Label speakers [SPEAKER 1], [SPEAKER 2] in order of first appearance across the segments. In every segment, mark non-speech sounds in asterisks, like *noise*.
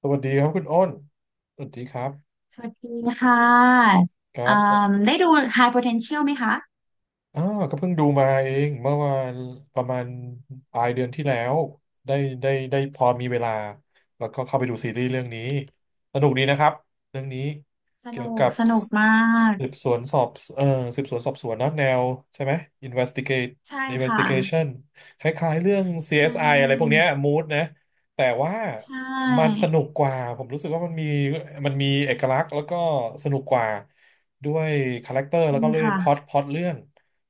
[SPEAKER 1] สวัสดีครับคุณอ้น สวัสดีครับ
[SPEAKER 2] สวัสดีค่ะ
[SPEAKER 1] ครั
[SPEAKER 2] อ่า
[SPEAKER 1] บ
[SPEAKER 2] ได้ดู High Potential ไหมคะ
[SPEAKER 1] อ่าก็เพิ่งดูมาเองเมื่อวานประมาณปลายเดือนที่แล้วได้ได้พอมีเวลาแล้วก็เข้าไปดูซีรีส์เรื่องนี้สนุกดีนะครับเรื่องนี้
[SPEAKER 2] ส
[SPEAKER 1] เกี่ยว
[SPEAKER 2] นุ
[SPEAKER 1] กั
[SPEAKER 2] ก
[SPEAKER 1] บ
[SPEAKER 2] สนุกมาก
[SPEAKER 1] สืบสวนสอบเอ่อสืบสวนสอบสวนเนอะแนวใช่ไหม investigate
[SPEAKER 2] ใช่ค่ะ
[SPEAKER 1] investigation คล้ายๆเรื่อง
[SPEAKER 2] ใช
[SPEAKER 1] CSI อสไออะไรพวก
[SPEAKER 2] ่
[SPEAKER 1] เนี้ย mood นะแต่ว่า
[SPEAKER 2] ใช
[SPEAKER 1] มัน
[SPEAKER 2] ่
[SPEAKER 1] สนุกกว่าผมรู้สึกว่ามันมีเอกลักษณ์แล้วก็สนุกกว่าด้วยคาแรคเตอร์
[SPEAKER 2] จ
[SPEAKER 1] แล้
[SPEAKER 2] ริ
[SPEAKER 1] ว
[SPEAKER 2] ง
[SPEAKER 1] ก็เลย
[SPEAKER 2] ค่ะ
[SPEAKER 1] พล็อตเรื่อง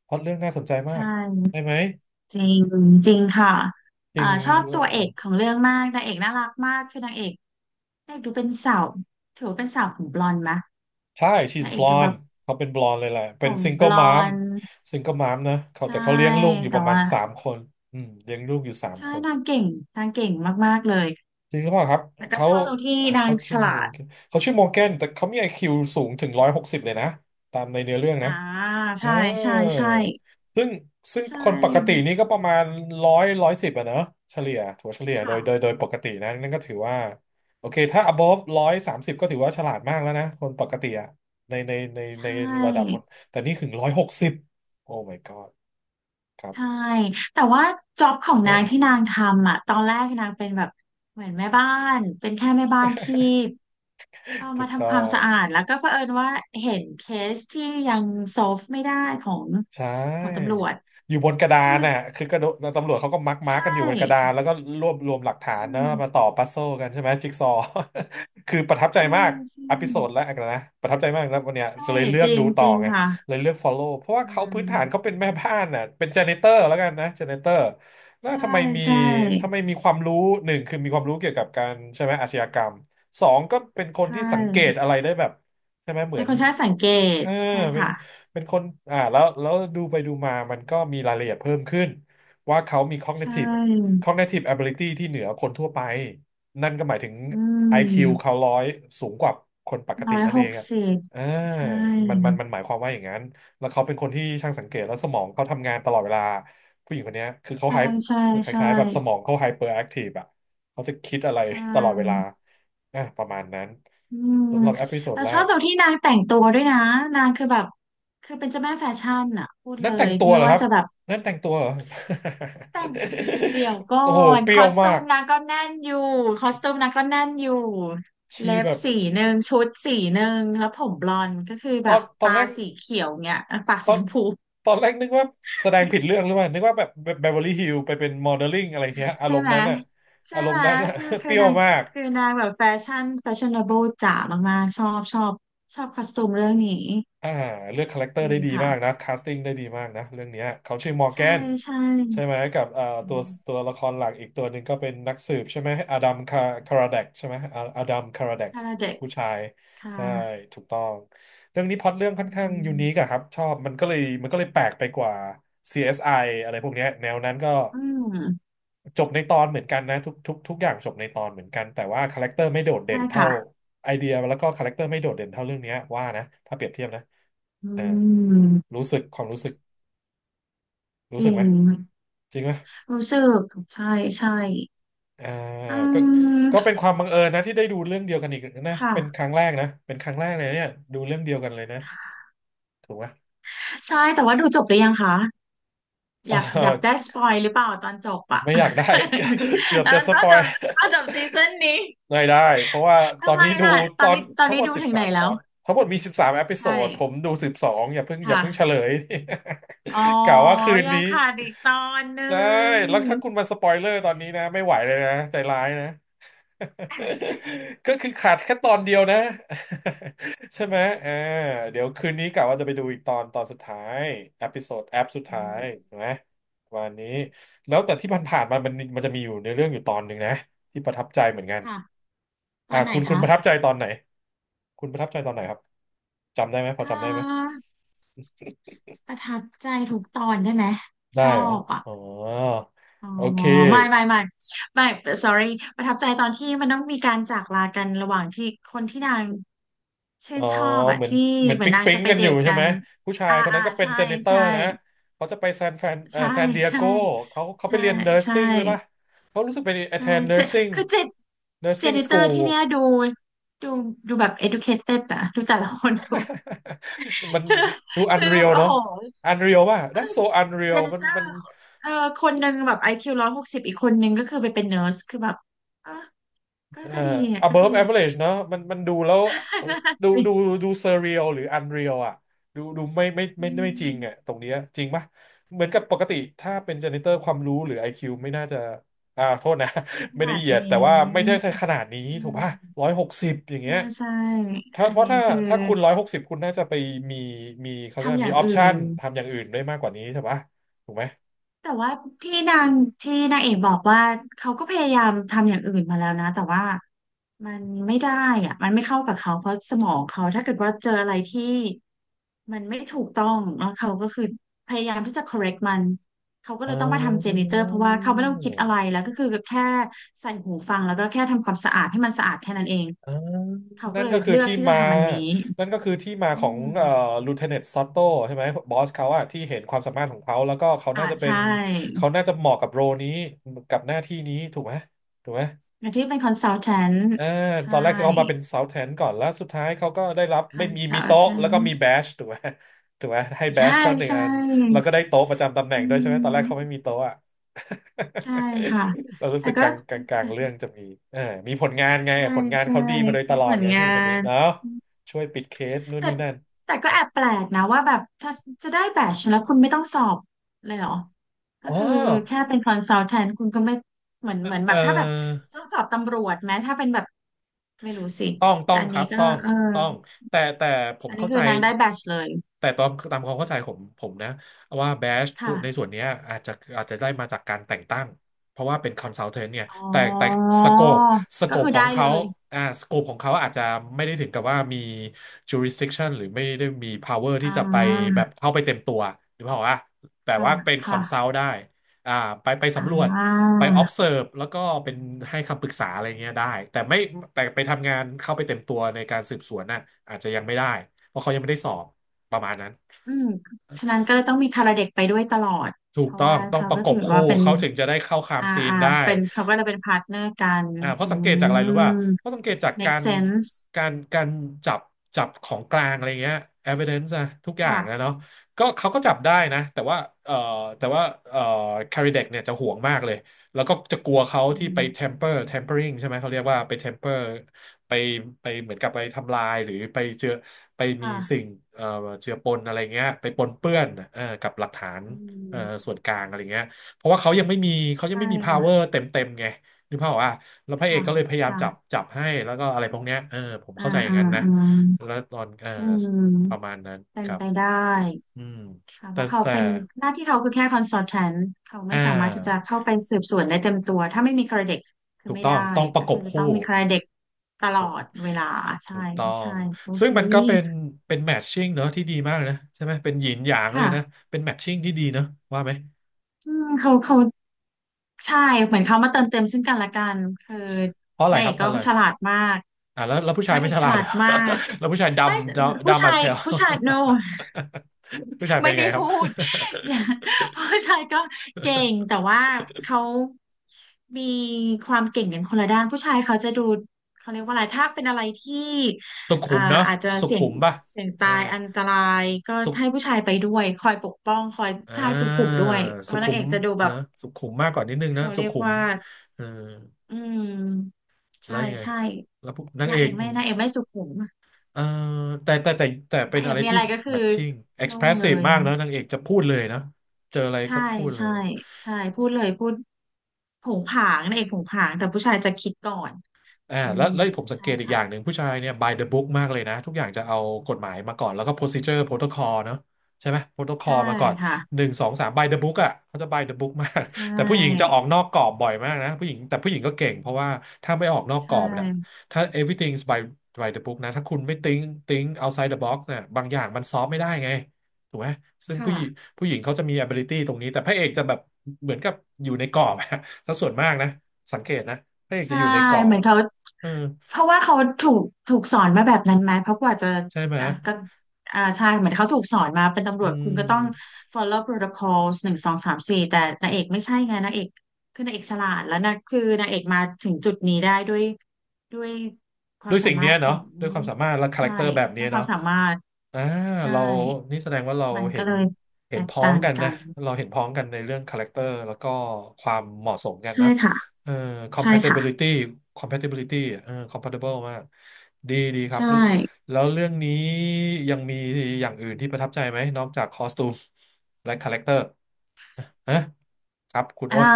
[SPEAKER 1] พล็อตเรื่องน่าสนใจมา
[SPEAKER 2] ใช่
[SPEAKER 1] กได้ไหม
[SPEAKER 2] จริงจริงค่ะ
[SPEAKER 1] จริ
[SPEAKER 2] อ่า
[SPEAKER 1] ง
[SPEAKER 2] ชอบ
[SPEAKER 1] เออ
[SPEAKER 2] ตัวเอกของเรื่องมากนางเอกน่ารักมากคือนางเอกนางเอกดูเป็นสาวถือว่าเป็นสาวผมบลอนด์ไหม
[SPEAKER 1] ใช่ she's
[SPEAKER 2] นางเอกดูแบ
[SPEAKER 1] blonde
[SPEAKER 2] บ
[SPEAKER 1] เขาเป็นบลอนเลยแหละ
[SPEAKER 2] ผ
[SPEAKER 1] เป็น
[SPEAKER 2] ม
[SPEAKER 1] ซิง
[SPEAKER 2] บ
[SPEAKER 1] เกิล
[SPEAKER 2] ล
[SPEAKER 1] ม
[SPEAKER 2] อ
[SPEAKER 1] m ม
[SPEAKER 2] นด์
[SPEAKER 1] ซิงเกิลม m มนะเขา
[SPEAKER 2] ใช่
[SPEAKER 1] แต่เขาเลี้ยงลูกอยู่
[SPEAKER 2] แต่
[SPEAKER 1] ประมาณ
[SPEAKER 2] ว่า
[SPEAKER 1] สามคนอืมเลี้ยงลูกอยู่สาม
[SPEAKER 2] ใช่
[SPEAKER 1] คน
[SPEAKER 2] นางเก่ง นางเก่งมากๆเลย
[SPEAKER 1] จริงหรือเปล่าครับ
[SPEAKER 2] แล้วก็
[SPEAKER 1] เขา
[SPEAKER 2] ชอบตรงที่นา
[SPEAKER 1] เขา
[SPEAKER 2] งฉ
[SPEAKER 1] ชื่อโม
[SPEAKER 2] ลาด
[SPEAKER 1] เกนเขาชื่อโมเกนแต่เขามีไอคิวสูงถึงร้อยหกสิบเลยนะตามในเนื้อเรื่อง
[SPEAKER 2] อ่า
[SPEAKER 1] นะ เออ
[SPEAKER 2] ใช่ใช่ใช่
[SPEAKER 1] ซึ่งซึ่ง
[SPEAKER 2] ใช
[SPEAKER 1] คนปกติ
[SPEAKER 2] ่
[SPEAKER 1] นี่ก็ประมาณร้อยสิบอะเนอะเฉลี่ยถั่วเฉลี่ยโดยโดย
[SPEAKER 2] ค่ะ
[SPEAKER 1] โดยปกตินะนั่นก็ถือว่าโอเคถ้า above 130ก็ถือว่าฉลาดมากแล้วนะคนปกติอะในในใน
[SPEAKER 2] ใช
[SPEAKER 1] ในระดับคน
[SPEAKER 2] ่
[SPEAKER 1] แต่นี่ถึงร้อยหกสิบโอ้ my god ครับ
[SPEAKER 2] ใช่แต่ว่าจ็อบของนางที่นางทำอ่ะตอนแรกนางเป็นแบบเหมือนแม่บ้านเป็นแค่แม่บ้านที่
[SPEAKER 1] *laughs*
[SPEAKER 2] เอา
[SPEAKER 1] ถู
[SPEAKER 2] มา
[SPEAKER 1] กต้อ
[SPEAKER 2] ทำความสะอาด
[SPEAKER 1] ง
[SPEAKER 2] แล้วก็เผอิญว่าเห็นเคสที่ยังโซฟไม่ได้ของ
[SPEAKER 1] ใช
[SPEAKER 2] ของ
[SPEAKER 1] ่
[SPEAKER 2] ตำรวจ
[SPEAKER 1] อยู่บนกระดา
[SPEAKER 2] คือ
[SPEAKER 1] นน่ะคือกระโดดตำรวจเขาก็มัก
[SPEAKER 2] ใช
[SPEAKER 1] มาร์กกันอยู่บนกระดาน
[SPEAKER 2] ่
[SPEAKER 1] แล้วก็รวบรวมหลักฐาน
[SPEAKER 2] อื
[SPEAKER 1] เนอะ
[SPEAKER 2] ม
[SPEAKER 1] มาต่อปัซเซิลกันใช่ไหมจิ๊กซอว์ *laughs* คือประทับใจ
[SPEAKER 2] ใช่
[SPEAKER 1] มาก
[SPEAKER 2] ใช่
[SPEAKER 1] อพิโซดแรกนะประทับใจมากแล้ววันเนี้ย
[SPEAKER 2] ใช่
[SPEAKER 1] เลยเลือ
[SPEAKER 2] จ
[SPEAKER 1] ก
[SPEAKER 2] ริ
[SPEAKER 1] ดู
[SPEAKER 2] ง
[SPEAKER 1] ต่
[SPEAKER 2] จ
[SPEAKER 1] อ
[SPEAKER 2] ริง
[SPEAKER 1] ไง
[SPEAKER 2] ค่ะ
[SPEAKER 1] เลยเลือก follow เพราะว่า
[SPEAKER 2] อื
[SPEAKER 1] เขาพื้น
[SPEAKER 2] ม
[SPEAKER 1] ฐานเขาเป็นแม่บ้านน่ะเป็น janitor แล้วกันนะ janitor แล้ว
[SPEAKER 2] ใช่ใช่
[SPEAKER 1] ทำไมมีความรู้หนึ่งคือมีความรู้เกี่ยวกับการใช่ไหมอาชญากรรมสองก็เป็นคน
[SPEAKER 2] ใช่
[SPEAKER 1] ที่สังเกตอะไรได้แบบใช่ไหมเหมื
[SPEAKER 2] เป็
[SPEAKER 1] อ
[SPEAKER 2] น
[SPEAKER 1] น
[SPEAKER 2] คนช่างสังเกต
[SPEAKER 1] เออ
[SPEAKER 2] ใช่
[SPEAKER 1] เป็น
[SPEAKER 2] ค่ะ
[SPEAKER 1] เป็นคนแล้วดูไปดูมา มันก็มีรายละเอียดเพิ่มขึ้น ว่าเขามี
[SPEAKER 2] ใช ่
[SPEAKER 1] cognitive ability ที่เหนือคนทั่วไป นั่นก็หมายถึง
[SPEAKER 2] อื
[SPEAKER 1] IQ เขา
[SPEAKER 2] ม
[SPEAKER 1] ร้อยสูงกว่าคนปก
[SPEAKER 2] ร้
[SPEAKER 1] ติ
[SPEAKER 2] อย
[SPEAKER 1] นั่น
[SPEAKER 2] ห
[SPEAKER 1] เอ
[SPEAKER 2] ก
[SPEAKER 1] งอ่ะ
[SPEAKER 2] สิบ
[SPEAKER 1] อ่า
[SPEAKER 2] ใช่
[SPEAKER 1] มันหมายความว่าอย่างนั้น แล้วเขาเป็นคนที่ช่างสังเกต แล้วสมองเขาทำงานตลอดเวลาผู้หญิงคนเนี้ย คือเขา
[SPEAKER 2] ใช่
[SPEAKER 1] ไฮ
[SPEAKER 2] ใช่
[SPEAKER 1] ค
[SPEAKER 2] ใช่
[SPEAKER 1] ล้ายๆแบบสมองเขาไฮเปอร์แอคทีฟอ่ะเขาจะคิดอะไร
[SPEAKER 2] ใช
[SPEAKER 1] ตลอดเวลา
[SPEAKER 2] ่
[SPEAKER 1] อ่ะประมาณนั้น
[SPEAKER 2] อืม
[SPEAKER 1] สำหรับเอพิโซด
[SPEAKER 2] เรา
[SPEAKER 1] แร
[SPEAKER 2] ชอบ
[SPEAKER 1] ก
[SPEAKER 2] ตรงที่นางแต่งตัวด้วยนะนางคือแบบคือเป็นเจ้าแม่แฟชั่นอะพูดเล
[SPEAKER 1] นั่นแต่
[SPEAKER 2] ย
[SPEAKER 1] งตัว
[SPEAKER 2] ไม่
[SPEAKER 1] เหรอค
[SPEAKER 2] ว่า
[SPEAKER 1] รับ
[SPEAKER 2] จะแบบ
[SPEAKER 1] นั่นแต่งตัวเหรอ
[SPEAKER 2] แต่งเดี๋ยว
[SPEAKER 1] *laughs*
[SPEAKER 2] ก่อ
[SPEAKER 1] โอ้โห
[SPEAKER 2] น
[SPEAKER 1] เป
[SPEAKER 2] ค
[SPEAKER 1] รี้ย
[SPEAKER 2] อ
[SPEAKER 1] ว
[SPEAKER 2] สตู
[SPEAKER 1] มาก
[SPEAKER 2] มนางก็แน่นอยู่คอสตูมนางก็แน่นอยู่
[SPEAKER 1] ชี
[SPEAKER 2] เล็
[SPEAKER 1] แบ
[SPEAKER 2] บ
[SPEAKER 1] บ
[SPEAKER 2] สีหนึ่งชุดสีหนึ่งแล้วผมบลอนด์ก็คือ
[SPEAKER 1] ต
[SPEAKER 2] แบ
[SPEAKER 1] อน
[SPEAKER 2] บ
[SPEAKER 1] ตอน
[SPEAKER 2] ตา
[SPEAKER 1] แรก
[SPEAKER 2] สีเขียวเงี้ยปาก
[SPEAKER 1] ต
[SPEAKER 2] สี
[SPEAKER 1] อน
[SPEAKER 2] ชมพู
[SPEAKER 1] ตอนแรกนึกว่าแสดงผิดเรื่องหรือเปล่านึกว่าแบบเบเวอร์ลี่ฮิลไปเป็นโมเดลลิ่งอะไรเงี้ย
[SPEAKER 2] ใช่ไหมใช่
[SPEAKER 1] อารม
[SPEAKER 2] ไหม
[SPEAKER 1] ณ์นั้นน่ะ
[SPEAKER 2] คือ
[SPEAKER 1] *laughs* เป
[SPEAKER 2] คือ
[SPEAKER 1] รี้ยว
[SPEAKER 2] นาง
[SPEAKER 1] มาก
[SPEAKER 2] คือนางแบบแฟชั่นแฟชั่น n น b บ e จ๋ามากๆชอบชอบชอบคอสตูมเรื่องนี้
[SPEAKER 1] อ่าเลือกคาแรคเตอ
[SPEAKER 2] จ
[SPEAKER 1] ร์
[SPEAKER 2] ริ
[SPEAKER 1] ได้
[SPEAKER 2] ง
[SPEAKER 1] ดี
[SPEAKER 2] ค่ะ
[SPEAKER 1] มากนะคาสติ้งได้ดีมากนะเรื่องเนี้ยเขาชื่อมอร์แก
[SPEAKER 2] ใช่
[SPEAKER 1] น
[SPEAKER 2] ใช่
[SPEAKER 1] ใช่ไหมกับ
[SPEAKER 2] อื
[SPEAKER 1] ตั
[SPEAKER 2] ม
[SPEAKER 1] วละครหลักอีกตัวหนึ่งก็เป็นนักสืบใช่ไหมอดัมคาคาราเดกใช่ไหมอาอดัมคาราเดก
[SPEAKER 2] คาราเด็ก
[SPEAKER 1] ผู้ชาย
[SPEAKER 2] ค
[SPEAKER 1] ใช่
[SPEAKER 2] ่ะ
[SPEAKER 1] ถูกต้องเรื่องนี้พล็อตเรื่องค่อ
[SPEAKER 2] อื
[SPEAKER 1] นข้างยูนิคอะ
[SPEAKER 2] ม
[SPEAKER 1] ครับชอบมันก็เลยแปลกไปกว่า CSI อสไออะไรพวกเนี้ยแนวนั้นก็
[SPEAKER 2] อืม
[SPEAKER 1] จบในตอนเหมือนกันนะทุกอย่างจบในตอนเหมือนกันแต่ว่าคาแรคเตอร์ไม่โดดเด่
[SPEAKER 2] ใช่
[SPEAKER 1] นเท่า
[SPEAKER 2] ค่ะ
[SPEAKER 1] ไอเดียแล้วก็คาแรคเตอร์ไม่โดดเด่นเท่าเรื่องเนี้ยว่านะถ้าเปรียบเทียบนะ
[SPEAKER 2] อืม
[SPEAKER 1] รู้สึกความรู้สึกรู้
[SPEAKER 2] จ
[SPEAKER 1] สึ
[SPEAKER 2] ริ
[SPEAKER 1] กไหม
[SPEAKER 2] ง
[SPEAKER 1] จริงไหม
[SPEAKER 2] รู้สึกใช่ใช่
[SPEAKER 1] อ่า
[SPEAKER 2] อื
[SPEAKER 1] ก็ก็เป็
[SPEAKER 2] ม
[SPEAKER 1] นความบังเอิญนะที่ได้ดูเรื่องเดียวกันอีกนะ
[SPEAKER 2] ค่ะ
[SPEAKER 1] เป็นครั้งแรกนะเป็นครั้งแรกเลยเนี่ยดูเรื่องเดียวกันเลยนะถูกไหม
[SPEAKER 2] ใช่แต่ว่าดูจบหรือยังคะอ
[SPEAKER 1] อ่
[SPEAKER 2] ยากอยากได้
[SPEAKER 1] า
[SPEAKER 2] สปอยหรือเปล่าตอนจบอะ
[SPEAKER 1] ไม่อยากได้ *laughs* เกือบจะส
[SPEAKER 2] *laughs* ตอ
[SPEAKER 1] ป
[SPEAKER 2] น
[SPEAKER 1] อ
[SPEAKER 2] จ
[SPEAKER 1] ย
[SPEAKER 2] บตอนจบซีซั่นนี้
[SPEAKER 1] ได้ เพราะว่าตอ
[SPEAKER 2] ทำ
[SPEAKER 1] น
[SPEAKER 2] ไม
[SPEAKER 1] นี้ดู
[SPEAKER 2] ล่ะต
[SPEAKER 1] ต
[SPEAKER 2] อ
[SPEAKER 1] อ
[SPEAKER 2] น
[SPEAKER 1] น
[SPEAKER 2] นี้ตอน
[SPEAKER 1] ทั้งห
[SPEAKER 2] นี้
[SPEAKER 1] มด
[SPEAKER 2] ดู
[SPEAKER 1] สิบ
[SPEAKER 2] ถึง
[SPEAKER 1] สา
[SPEAKER 2] ไหน
[SPEAKER 1] มต
[SPEAKER 2] แล้
[SPEAKER 1] อ
[SPEAKER 2] ว
[SPEAKER 1] นทั้งหมดมีสิบสามเอพิโซ
[SPEAKER 2] ใช่
[SPEAKER 1] ดผมดู12อย่าเพิ่งเฉ
[SPEAKER 2] ค่ะ
[SPEAKER 1] ลย
[SPEAKER 2] อ๋อ
[SPEAKER 1] *laughs* กล่าวว่าคืน
[SPEAKER 2] ยัง
[SPEAKER 1] นี้
[SPEAKER 2] ขาดอีกตอนหนึ่
[SPEAKER 1] ได้
[SPEAKER 2] ง
[SPEAKER 1] แล้วถ้าคุณมาสปอยเลอร์ตอนนี้นะไม่ไหวเลยนะใจร้ายนะ
[SPEAKER 2] *coughs*
[SPEAKER 1] *laughs* ก็คือขาดแค่ตอนเดียวนะ *laughs* ใช่ไหมอ่าเดี๋ยวคืนนี้กะว่าจะไปดูอีกตอนตอนสุดท้ายเอพิโซดแอปสุด
[SPEAKER 2] อื
[SPEAKER 1] ท้า
[SPEAKER 2] ม
[SPEAKER 1] ยถูกไหมวันนี้แล้วแต่ที่ผ่านๆมามันจะมีอยู่ในเรื่องอยู่ตอนหนึ่งนะที่ประทับใจเหมือนกัน
[SPEAKER 2] ค่ะต
[SPEAKER 1] อ่า
[SPEAKER 2] อนไหน
[SPEAKER 1] คุณคุณ
[SPEAKER 2] คะ
[SPEAKER 1] ประทับใจตอนไหนคุณประทับใจตอนไหนครับจำได้ไหมพอ
[SPEAKER 2] อ่
[SPEAKER 1] จำได้ไหม
[SPEAKER 2] าประทับใจทุกตอนได้ไหม
[SPEAKER 1] ได้
[SPEAKER 2] ชอ
[SPEAKER 1] เหรอ
[SPEAKER 2] บอ่ะ
[SPEAKER 1] อ๋อ
[SPEAKER 2] อ๋อ
[SPEAKER 1] โอเค
[SPEAKER 2] ไม่ไม่ไม่ไม่ sorry ประทับใจตอนที่มันต้องมีการจากลากันระหว่างที่คนที่นางชื่
[SPEAKER 1] อ๋
[SPEAKER 2] น
[SPEAKER 1] อ
[SPEAKER 2] ชอบอ่ะ
[SPEAKER 1] เหมือน
[SPEAKER 2] ที่
[SPEAKER 1] เหมือน
[SPEAKER 2] เหมือน
[SPEAKER 1] ปิ๊ง
[SPEAKER 2] นาง
[SPEAKER 1] ปิ๊
[SPEAKER 2] จะ
[SPEAKER 1] ง
[SPEAKER 2] ไป
[SPEAKER 1] กัน
[SPEAKER 2] เด
[SPEAKER 1] อยู่
[SPEAKER 2] ท
[SPEAKER 1] ใช่
[SPEAKER 2] กั
[SPEAKER 1] ไหม
[SPEAKER 2] น
[SPEAKER 1] ผู้ชาย
[SPEAKER 2] อ่า
[SPEAKER 1] คนนั้
[SPEAKER 2] อ่า
[SPEAKER 1] นก็เป็น
[SPEAKER 2] ใช่
[SPEAKER 1] เจเนเตอ
[SPEAKER 2] ใช่
[SPEAKER 1] ร์นะเขาจะไปซานแฟน
[SPEAKER 2] ใช่
[SPEAKER 1] ซานดิเอ
[SPEAKER 2] ใช่
[SPEAKER 1] โกเขาไป
[SPEAKER 2] ใช่
[SPEAKER 1] เรียนเ u อร์
[SPEAKER 2] ใช่
[SPEAKER 1] ซิ่งหรือเปล่าเขารู้สึกไป
[SPEAKER 2] ใช่
[SPEAKER 1] attend
[SPEAKER 2] เจ
[SPEAKER 1] nursing
[SPEAKER 2] คือเจเจ
[SPEAKER 1] nursing
[SPEAKER 2] เนเตอร์
[SPEAKER 1] school
[SPEAKER 2] ที่เนี้ยดูดู ดูแบบ educated อะดูแต่ละคนดู
[SPEAKER 1] *laughs* มัน
[SPEAKER 2] *laughs* คือ
[SPEAKER 1] ดู
[SPEAKER 2] คือ
[SPEAKER 1] unreal
[SPEAKER 2] โอ้
[SPEAKER 1] เนอะ
[SPEAKER 2] โห
[SPEAKER 1] unreal ป่ะ that's so
[SPEAKER 2] เจ
[SPEAKER 1] unreal
[SPEAKER 2] เน
[SPEAKER 1] มัน
[SPEAKER 2] เตอ
[SPEAKER 1] มัน
[SPEAKER 2] ร์คนหนึ่งแบบไอคิวร้อยหกสิบอีกคนหนึ่งก็คือไปเป็นเน r ร์สคือแบบเออก็
[SPEAKER 1] เอ่อ
[SPEAKER 2] ก็ดีอะก็คือ
[SPEAKER 1] above average เนอะมันดูแล้ว
[SPEAKER 2] *laughs* น่า
[SPEAKER 1] ดู
[SPEAKER 2] สิ
[SPEAKER 1] ดูดู surreal หรือ unreal อ่ะดูดูไม่ไม่
[SPEAKER 2] อื
[SPEAKER 1] ไม่ไม่จริงอ่ะต
[SPEAKER 2] ม
[SPEAKER 1] รงเนี้ยจริงปะเหมือนกับปกติถ้าเป็น janitor ความรู้หรือ IQ ไม่น่าจะโทษนะ
[SPEAKER 2] ข
[SPEAKER 1] *laughs* ไม่ได้
[SPEAKER 2] นา
[SPEAKER 1] เห
[SPEAKER 2] ด
[SPEAKER 1] ยียดแต่
[SPEAKER 2] นี้
[SPEAKER 1] ว่าไม่ได้ขนาดนี้
[SPEAKER 2] อื
[SPEAKER 1] ถูกปะ
[SPEAKER 2] ม
[SPEAKER 1] ร้อยหกสิบอย่าง
[SPEAKER 2] ใช่
[SPEAKER 1] เงี้ย
[SPEAKER 2] ใช่
[SPEAKER 1] ถ้า
[SPEAKER 2] อัน
[SPEAKER 1] เพราะ
[SPEAKER 2] นี้
[SPEAKER 1] ถ้า
[SPEAKER 2] คือ
[SPEAKER 1] ถ้าคุณร้อยหกสิบคุณน่าจะไปมีมีเขาเรียก
[SPEAKER 2] ทำ
[SPEAKER 1] ว่า
[SPEAKER 2] อย่า
[SPEAKER 1] มี
[SPEAKER 2] ง
[SPEAKER 1] ออป
[SPEAKER 2] อื่
[SPEAKER 1] ชั
[SPEAKER 2] น
[SPEAKER 1] นทำอย่างอื่นได้มากกว่านี้ใช่ปะถูกไหม
[SPEAKER 2] แต่ว่าที่นางที่นางเอกบอกว่าเขาก็พยายามทำอย่างอื่นมาแล้วนะแต่ว่ามันไม่ได้อะมันไม่เข้ากับเขาเพราะสมองเขาถ้าเกิดว่าเจออะไรที่มันไม่ถูกต้องแล้วเขาก็คือพยายามที่จะ correct มันเขาก็เล
[SPEAKER 1] อ๋
[SPEAKER 2] ย
[SPEAKER 1] อ
[SPEAKER 2] ต้องมาทำเจเนเตอร์เพราะว่าเขาไม่ต้องคิดอะไรแล้วก็คือแค่ใส่หูฟังแล้วก็แค่ทำความสะอาดให้มันสะอาดแค่นั้นเอง
[SPEAKER 1] อ่า
[SPEAKER 2] เขาก็
[SPEAKER 1] นั่น
[SPEAKER 2] เลย
[SPEAKER 1] ก็คือ
[SPEAKER 2] เลือก
[SPEAKER 1] ที่
[SPEAKER 2] ที่จะ
[SPEAKER 1] มา
[SPEAKER 2] ทำอันนี้
[SPEAKER 1] นั่นก็คือที่มา
[SPEAKER 2] อื
[SPEAKER 1] ของ
[SPEAKER 2] ม
[SPEAKER 1] ลูเทเนนต์ซัตโต้ใช่ไหมบอสเขาอะที่เห็นความสามารถของเขาแล้วก็เขา
[SPEAKER 2] อ่า
[SPEAKER 1] น่าจะเป็น
[SPEAKER 2] ใช่
[SPEAKER 1] เขาน่าจะเหมาะกับโรนี้กับหน้าที่นี้ถูกไหมถูกไหม
[SPEAKER 2] แต่ที่เป็น consultant
[SPEAKER 1] เออต
[SPEAKER 2] ใช่
[SPEAKER 1] อนแรกเขามาเป็นเ o า t h แทนก่อนแล้วสุดท้ายเขาก็ได้รับไม่มีมีโต๊ะแล้วก็มี
[SPEAKER 2] consultant
[SPEAKER 1] แบชถูกไหมถูกไหมให้แบ
[SPEAKER 2] ใช่
[SPEAKER 1] ชเขาหนึ่ง
[SPEAKER 2] ใช่
[SPEAKER 1] อันแล้วก็ได้โต๊ะประจำตำแหน่
[SPEAKER 2] อื
[SPEAKER 1] งด้วยใช่ไหมตอนแรกเขาไม่มี
[SPEAKER 2] ม
[SPEAKER 1] โต๊ะอะ
[SPEAKER 2] ใช่ค่ะ
[SPEAKER 1] *laughs* เรารู้
[SPEAKER 2] แต่
[SPEAKER 1] สึกก
[SPEAKER 2] ก็
[SPEAKER 1] ลางกลางกลางเรื่องจะมีเออมีผลงานไง
[SPEAKER 2] ใช่
[SPEAKER 1] ผลงาน
[SPEAKER 2] ใช่
[SPEAKER 1] เขาดีมาโดยตลอ
[SPEAKER 2] เห
[SPEAKER 1] ด
[SPEAKER 2] มือน
[SPEAKER 1] ไง
[SPEAKER 2] งา
[SPEAKER 1] พี่คนนี้
[SPEAKER 2] น
[SPEAKER 1] เนาะช่วยปิดเคสนู่น
[SPEAKER 2] แต่
[SPEAKER 1] นี่นั่น
[SPEAKER 2] แต่ก็แอบแปลกนะว่าแบบถ้าจะได้แบชแล้วคุณไม่ต้องสอบเลยเหรอก็
[SPEAKER 1] อ๋อ
[SPEAKER 2] คือแค่เป็นคอนซัลแทนคุณก็ไม่เหมือนเหมือนแบ
[SPEAKER 1] เอ
[SPEAKER 2] บถ้าแบบ
[SPEAKER 1] อ
[SPEAKER 2] ต้องสอบตำรวจไหมถ้าเป็นแบบไม่รู้สิ
[SPEAKER 1] ต้องต้
[SPEAKER 2] แต่
[SPEAKER 1] อง
[SPEAKER 2] อัน
[SPEAKER 1] ค
[SPEAKER 2] นี้
[SPEAKER 1] รับ
[SPEAKER 2] ก็
[SPEAKER 1] ต้อง
[SPEAKER 2] เออ
[SPEAKER 1] ต้องแต่ผม
[SPEAKER 2] อันนี้
[SPEAKER 1] เข้าใจ
[SPEAKER 2] คือนางได้แบชเลย
[SPEAKER 1] แต่ตามความเข้าใจผมนะว่าแบชใน
[SPEAKER 2] ค่ะ
[SPEAKER 1] ส่วนเนี้ยอาจจะได้มาจากการแต่งตั้งเพราะว่าเป็นคอนซัลเทนต์เนี่ย
[SPEAKER 2] อ๋อ
[SPEAKER 1] แต่สโกปสโก
[SPEAKER 2] ก็
[SPEAKER 1] ป
[SPEAKER 2] คือ
[SPEAKER 1] ขอ
[SPEAKER 2] ได้
[SPEAKER 1] ง
[SPEAKER 2] เล
[SPEAKER 1] เขา
[SPEAKER 2] ย
[SPEAKER 1] สโกปของเขาอาจจะไม่ได้ถึงกับว่ามี jurisdiction หรือไม่ได้มี power
[SPEAKER 2] อ่
[SPEAKER 1] ที่จะไปแบ
[SPEAKER 2] า
[SPEAKER 1] บเข้าไปเต็มตัวหรือเปล่าอะแต่
[SPEAKER 2] ค่ะ
[SPEAKER 1] ว่าเป็นคอ
[SPEAKER 2] ค่ะ
[SPEAKER 1] นซัล t ได้อ่าไปไปสำรวจ
[SPEAKER 2] อ่
[SPEAKER 1] ไป
[SPEAKER 2] า
[SPEAKER 1] observe แล้วก็เป็นให้คำปรึกษาอะไรเงี้ยได้แต่ไม่แต่ไปทำงานเข้าไปเต็มตัวในการสืบสวนน่ะอาจจะยังไม่ได้เพราะเขายังไม่ได้สอบประมาณนั้น
[SPEAKER 2] อืมฉะนั้นก็เลยต้องมีคาราเด็กไปด้วยตลอด
[SPEAKER 1] ถู
[SPEAKER 2] เพ
[SPEAKER 1] ก
[SPEAKER 2] ราะ
[SPEAKER 1] ต้อง
[SPEAKER 2] ว่า
[SPEAKER 1] ต้อง
[SPEAKER 2] เขา
[SPEAKER 1] ประ
[SPEAKER 2] ก็
[SPEAKER 1] ก
[SPEAKER 2] ถื
[SPEAKER 1] บ
[SPEAKER 2] อ
[SPEAKER 1] คู่
[SPEAKER 2] ว่าเป็น
[SPEAKER 1] เขาถึงจะได้เข้าคาม
[SPEAKER 2] อ่า
[SPEAKER 1] ซีน
[SPEAKER 2] อ่า
[SPEAKER 1] ได้
[SPEAKER 2] เป็นเขาก็จะเป็นพาร์ทเนอร์กัน
[SPEAKER 1] เพ
[SPEAKER 2] อื
[SPEAKER 1] ราะสังเกตจากอะไรรู้ป่ะ
[SPEAKER 2] ม
[SPEAKER 1] เพราะสังเกตจากกา
[SPEAKER 2] make
[SPEAKER 1] ร
[SPEAKER 2] sense
[SPEAKER 1] การการจับจับของกลางอะไรเงี้ย evidence อะทุกอย่าง
[SPEAKER 2] ค่ะ
[SPEAKER 1] นะเนาะก็เขาก็จับได้นะแต่ว่าเอ่อแต่ว่าเอ่อ Carradec เนี่ยจะห่วงมากเลยแล้วก็จะกลัวเขา
[SPEAKER 2] อื
[SPEAKER 1] ที่ไป
[SPEAKER 2] ม
[SPEAKER 1] temper tampering ใช่ไหมเขาเรียกว่าไป temper ไปไปเหมือนกับไปทำลายหรือไปเจือไปมี
[SPEAKER 2] ค่ะ
[SPEAKER 1] สิ่งเอ่อเจือปนอะไรเงี้ยไปปนเปื้อนกับหลักฐาน
[SPEAKER 2] อื
[SPEAKER 1] เอ่อส่
[SPEAKER 2] ม
[SPEAKER 1] วนกลางอะไรเงี้ยเพราะว่าเขายังไม่มีเขายัง
[SPEAKER 2] ใช่
[SPEAKER 1] ไม่มี
[SPEAKER 2] ค่ะ
[SPEAKER 1] power เต็มไง นึกภาพออกอ่ะแล้วพระเอก
[SPEAKER 2] ค่ะ
[SPEAKER 1] ก็เลยพยายามจับ
[SPEAKER 2] ค่ะ
[SPEAKER 1] จับให้แล้วก็อะไรพวกเนี้ยเออผม
[SPEAKER 2] อ่า
[SPEAKER 1] เข้าใจอย่าง
[SPEAKER 2] อ่า
[SPEAKER 1] นั้นนะ
[SPEAKER 2] อืม
[SPEAKER 1] แล้วตอนเออ
[SPEAKER 2] อื
[SPEAKER 1] ประ
[SPEAKER 2] ม
[SPEAKER 1] มาณนั้น
[SPEAKER 2] เป็
[SPEAKER 1] ค
[SPEAKER 2] น
[SPEAKER 1] รับ
[SPEAKER 2] ไปได้
[SPEAKER 1] อืม
[SPEAKER 2] ค่ะ
[SPEAKER 1] แต่
[SPEAKER 2] ว่าะเขา
[SPEAKER 1] แต่
[SPEAKER 2] เป็นหน้าที่เขาคือแค่คอนซ l t แ n นเขาไม่
[SPEAKER 1] อ่า
[SPEAKER 2] สามารถที่จะเข้าไปสืบสวนได้เต็มตัวถ้าไม่มีค r เด็ t คือ
[SPEAKER 1] ถูก
[SPEAKER 2] ไม่
[SPEAKER 1] ต้อ
[SPEAKER 2] ได้
[SPEAKER 1] งต้องป
[SPEAKER 2] ก็
[SPEAKER 1] ระก
[SPEAKER 2] คื
[SPEAKER 1] บ
[SPEAKER 2] อจะต้อง
[SPEAKER 1] คู่
[SPEAKER 2] มีค r เด็ t ตลอ
[SPEAKER 1] ถูก
[SPEAKER 2] ดเวลาใช่
[SPEAKER 1] ต้อ
[SPEAKER 2] ใช่
[SPEAKER 1] ง
[SPEAKER 2] โอ
[SPEAKER 1] ซึ่ง
[SPEAKER 2] เค
[SPEAKER 1] มันก็เป็นเป็นแมทชิ่งเนอะที่ดีมากนะใช่ไหมเป็นหยินหยางเล
[SPEAKER 2] ค่ะ
[SPEAKER 1] ยนะเป็นแมทชิ่งที่ดีเนอะว่าไหม
[SPEAKER 2] อืมเขาใช่เหมือนเขามาเติมเต็มซึ่งกันและกันคือ
[SPEAKER 1] เพราะอะไร
[SPEAKER 2] นาย
[SPEAKER 1] ค
[SPEAKER 2] เอ
[SPEAKER 1] รับ
[SPEAKER 2] ก
[SPEAKER 1] เพ
[SPEAKER 2] ก็
[SPEAKER 1] ราะอะไร
[SPEAKER 2] ฉลาดมาก
[SPEAKER 1] แล้วผู้ชาย
[SPEAKER 2] นางเอ
[SPEAKER 1] ไม่
[SPEAKER 2] ก
[SPEAKER 1] ฉ
[SPEAKER 2] ฉ
[SPEAKER 1] ลาด
[SPEAKER 2] ลา
[SPEAKER 1] เล
[SPEAKER 2] ด
[SPEAKER 1] ย
[SPEAKER 2] มาก
[SPEAKER 1] *laughs* แล้วผู้ชาย
[SPEAKER 2] ไม่
[SPEAKER 1] ดำดำ
[SPEAKER 2] ผู้
[SPEAKER 1] ดำ
[SPEAKER 2] ชา
[SPEAKER 1] มา
[SPEAKER 2] ย
[SPEAKER 1] เซล
[SPEAKER 2] ผู้ชาย no
[SPEAKER 1] *laughs* ผู้ชายเป็
[SPEAKER 2] ไม่
[SPEAKER 1] นไง
[SPEAKER 2] ได้
[SPEAKER 1] ครับ
[SPEAKER 2] พูด
[SPEAKER 1] *laughs*
[SPEAKER 2] *laughs* เนี่ยเพราะชายก็เก่งแต่ว่าเขามีความเก่งกันคนละด้านผู้ชายเขาจะดูเขาเรียกว่าอะไรถ้าเป็นอะไรที่
[SPEAKER 1] สุขุ
[SPEAKER 2] อ่า
[SPEAKER 1] มเนาะ
[SPEAKER 2] อาจจะ
[SPEAKER 1] สุ
[SPEAKER 2] เสี่ย
[SPEAKER 1] ขุ
[SPEAKER 2] ง
[SPEAKER 1] มป่ะ
[SPEAKER 2] เสี่ยง
[SPEAKER 1] เอ
[SPEAKER 2] ตา
[SPEAKER 1] อ
[SPEAKER 2] ยอันตรายก็
[SPEAKER 1] สุข
[SPEAKER 2] ให้ผู้ชายไปด้วยคอยปกป้องคอย
[SPEAKER 1] อ่
[SPEAKER 2] ชายสุขุ
[SPEAKER 1] า
[SPEAKER 2] มด้วยเพ
[SPEAKER 1] สุ
[SPEAKER 2] ราะนา
[SPEAKER 1] ขุ
[SPEAKER 2] งเอ
[SPEAKER 1] ม
[SPEAKER 2] กจะดูแบ
[SPEAKER 1] นะ
[SPEAKER 2] บ
[SPEAKER 1] สุขุมมากกว่านิดนึงนะ
[SPEAKER 2] เขา
[SPEAKER 1] สุ
[SPEAKER 2] เรียก
[SPEAKER 1] ขุม
[SPEAKER 2] ว่า
[SPEAKER 1] เออ
[SPEAKER 2] อืม
[SPEAKER 1] แล้
[SPEAKER 2] ใช่
[SPEAKER 1] วยังไง
[SPEAKER 2] ใช่
[SPEAKER 1] แล้วพวกนาง
[SPEAKER 2] นา
[SPEAKER 1] เอ
[SPEAKER 2] งเอ
[SPEAKER 1] ก
[SPEAKER 2] กไม่นางเอกไม่สุขุม
[SPEAKER 1] เออแต่เป็
[SPEAKER 2] นา
[SPEAKER 1] น
[SPEAKER 2] งเอ
[SPEAKER 1] อะ
[SPEAKER 2] ก
[SPEAKER 1] ไร
[SPEAKER 2] มี
[SPEAKER 1] ที่
[SPEAKER 2] อะไรก็คือ
[SPEAKER 1] แมทชิ่ง
[SPEAKER 2] โล่งเล
[SPEAKER 1] expressive
[SPEAKER 2] ย
[SPEAKER 1] มากนะนางเอกจะพูดเลยนะเจออะไร
[SPEAKER 2] ใช่
[SPEAKER 1] ก็พูดเล
[SPEAKER 2] ใช่
[SPEAKER 1] ย
[SPEAKER 2] ใช่พูดเลยพูดผงผางนางเอกผงผางแต่ผู้ชายจะคิดก่อน
[SPEAKER 1] อ่า
[SPEAKER 2] อื
[SPEAKER 1] แล้ว
[SPEAKER 2] ม
[SPEAKER 1] แล้วผมสัง
[SPEAKER 2] ใช่
[SPEAKER 1] เกตอีกอ
[SPEAKER 2] ค่ะ
[SPEAKER 1] ย่างหนึ่งผู้ชายเนี่ย by the book มากเลยนะทุกอย่างจะเอากฎหมายมาก่อนแล้วก็ procedure protocol เนอะใช่ไหม
[SPEAKER 2] ใช่
[SPEAKER 1] protocol มาก่อน
[SPEAKER 2] ค่ะ
[SPEAKER 1] หนึ่งสองสาม by the book อ่ะเขาจะ by the book มาก
[SPEAKER 2] ใช
[SPEAKER 1] *laughs* แต่ผู้หญิงจะ
[SPEAKER 2] ่
[SPEAKER 1] ออกนอกกรอบบ่อยมากนะผู้หญิงแต่ผู้หญิงก็เก่งเพราะว่าถ้าไม่ออกนอกกร
[SPEAKER 2] ใช่
[SPEAKER 1] อบเนี่ยถ้า everything's by by the book นะถ้าคุณไม่ think think outside the box เนี่ยบางอย่างมันซอฟไม่ได้ไงถูกไหมซึ่งผู้หญิง
[SPEAKER 2] ค่ะ
[SPEAKER 1] ผู้หญิงเขาจะมี ability ตรงนี้แต่พระเอกจะแบบเหมือนกับอยู่ในกรอบอะ *laughs* ซะส่วนมากนะสังเกตนะพระเอกจะ
[SPEAKER 2] ใช่
[SPEAKER 1] อยู่ในกรอ
[SPEAKER 2] เห
[SPEAKER 1] บ
[SPEAKER 2] มือน
[SPEAKER 1] อะ
[SPEAKER 2] เขา
[SPEAKER 1] เออ
[SPEAKER 2] เพราะว่าเขาถูกสอนมาแบบนั้นไหมเพราะกว่าจะ
[SPEAKER 1] ใช่ไหม
[SPEAKER 2] อ่ะก็อ่าใช่เหมือนเขาถูกสอนมาเป็นตำร
[SPEAKER 1] อื
[SPEAKER 2] วจคุณก็ต้อง
[SPEAKER 1] ม
[SPEAKER 2] follow protocols 1 2 3 4แต่นางเอกไม่ใช่ไงนางเอกคือนางเอกฉลาดแล้วนะคือนางเอกมาถึงจุดนี้ได้ด้วยด้วยควา
[SPEAKER 1] ด้ว
[SPEAKER 2] ม
[SPEAKER 1] ย
[SPEAKER 2] สา
[SPEAKER 1] สิ่ง
[SPEAKER 2] มา
[SPEAKER 1] เนี้
[SPEAKER 2] ร
[SPEAKER 1] ย
[SPEAKER 2] ถขอ
[SPEAKER 1] เนาะ
[SPEAKER 2] ง
[SPEAKER 1] ด้วยความสามารถและคาแร
[SPEAKER 2] ใช่
[SPEAKER 1] คเตอร์แบบเนี้
[SPEAKER 2] ด้ว
[SPEAKER 1] ย
[SPEAKER 2] ยควา
[SPEAKER 1] เนาะ
[SPEAKER 2] มสามารถ
[SPEAKER 1] อ่า
[SPEAKER 2] ใช่
[SPEAKER 1] เรานี่แสดงว่าเรา
[SPEAKER 2] มัน
[SPEAKER 1] เห็
[SPEAKER 2] ก็
[SPEAKER 1] น
[SPEAKER 2] เลย
[SPEAKER 1] เห็
[SPEAKER 2] แต
[SPEAKER 1] น
[SPEAKER 2] ก
[SPEAKER 1] พ้อง
[SPEAKER 2] ต่าง
[SPEAKER 1] กัน
[SPEAKER 2] กั
[SPEAKER 1] นะ
[SPEAKER 2] น
[SPEAKER 1] เราเห็นพ้องกันในเรื่องคาแรคเตอร์แล้วก็ความเหมาะสมกัน
[SPEAKER 2] ใช่
[SPEAKER 1] นะ
[SPEAKER 2] ค่ะ
[SPEAKER 1] เออ
[SPEAKER 2] ใช่ค่ะ
[SPEAKER 1] compatibility compatibility เออ compatible มาก ดีดีครับ
[SPEAKER 2] ใช่
[SPEAKER 1] แล้วเรื่องนี้ยังมีอย่างอื่นที่ประทับใจไหมนอกจากคอสตูมและคาแรคเตอร์ฮะครับ คุณ
[SPEAKER 2] อ่า
[SPEAKER 1] อ้น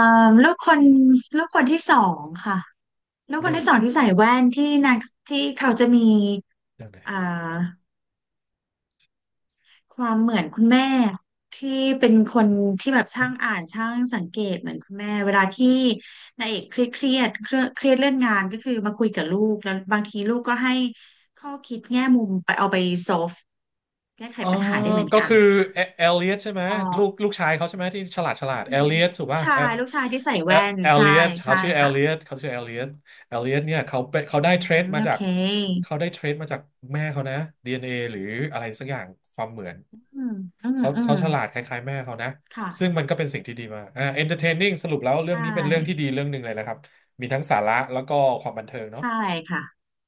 [SPEAKER 2] ลูกคนลูกคนที่สองค่ะ แล้วคน
[SPEAKER 1] เรื่อง
[SPEAKER 2] ที่สองที่ใส่แว่นที่นางที่เขาจะมี
[SPEAKER 1] เรื่องไห
[SPEAKER 2] อ่
[SPEAKER 1] น
[SPEAKER 2] าความเหมือนคุณแม่ที่เป็นคนที่แบบช่างอ่านช่างสังเกตเหมือนคุณแม่เวลาที่นายเอกเครียดเครียดเครียดเครียดเรื่องงานก็คือมาคุยกับลูกแล้วบางทีลูกก็ให้ข้อคิดแง่มุมไปเอาไปโซฟแก้ไข
[SPEAKER 1] อ๋อ
[SPEAKER 2] ปัญหาได้เหมือน
[SPEAKER 1] ก็
[SPEAKER 2] กัน
[SPEAKER 1] คือ
[SPEAKER 2] ค่ะ
[SPEAKER 1] เอเอลเลียตใช่ไหม
[SPEAKER 2] พอ
[SPEAKER 1] ลูกลูกชายเขาใช่ไหมที่ฉลาดฉลา
[SPEAKER 2] อื
[SPEAKER 1] ดเอ
[SPEAKER 2] ม
[SPEAKER 1] ลเลียตถูก
[SPEAKER 2] ลูก
[SPEAKER 1] ป่ะ
[SPEAKER 2] ชา
[SPEAKER 1] เอ
[SPEAKER 2] ยลูกชายที่ใส่
[SPEAKER 1] เอ
[SPEAKER 2] แว่น
[SPEAKER 1] เอล
[SPEAKER 2] ใช่
[SPEAKER 1] เลียตเขา
[SPEAKER 2] ใช่
[SPEAKER 1] ชื่อเอล
[SPEAKER 2] ค่ะ
[SPEAKER 1] เลียตเขาชื่อเอลเลียตเอลเลียตเนี่ยเขาเป็น
[SPEAKER 2] อืมโอเค
[SPEAKER 1] เขาได้เทรดมาจากแม่เขานะดีเอ็น n อหรืออะไรสักอย่างความเหมือน
[SPEAKER 2] อืมอืม
[SPEAKER 1] เขา
[SPEAKER 2] อืม
[SPEAKER 1] เขาฉลาดคล้ายๆแม่เขานะ
[SPEAKER 2] ค่ะ
[SPEAKER 1] ซึ่งมันก็เป็นสิ่งที่ดีมากอ่า entertaining สรุปแล้วเรื่อง
[SPEAKER 2] ใช่
[SPEAKER 1] นี้เป็นเรื่องที่ดีเรื่องหนึ่งเลยนะครับมีทั้งสาระแล้วก็ความบันเทิงเนาะ
[SPEAKER 2] ใช่ค่ะ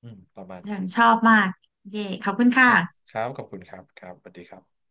[SPEAKER 1] อืมประมาณ
[SPEAKER 2] ยั
[SPEAKER 1] นี้
[SPEAKER 2] งชอบมากเย่ขอบคุณ
[SPEAKER 1] ค
[SPEAKER 2] ค่ะ
[SPEAKER 1] รับครับขอบคุณครับครับสวัสดีครับ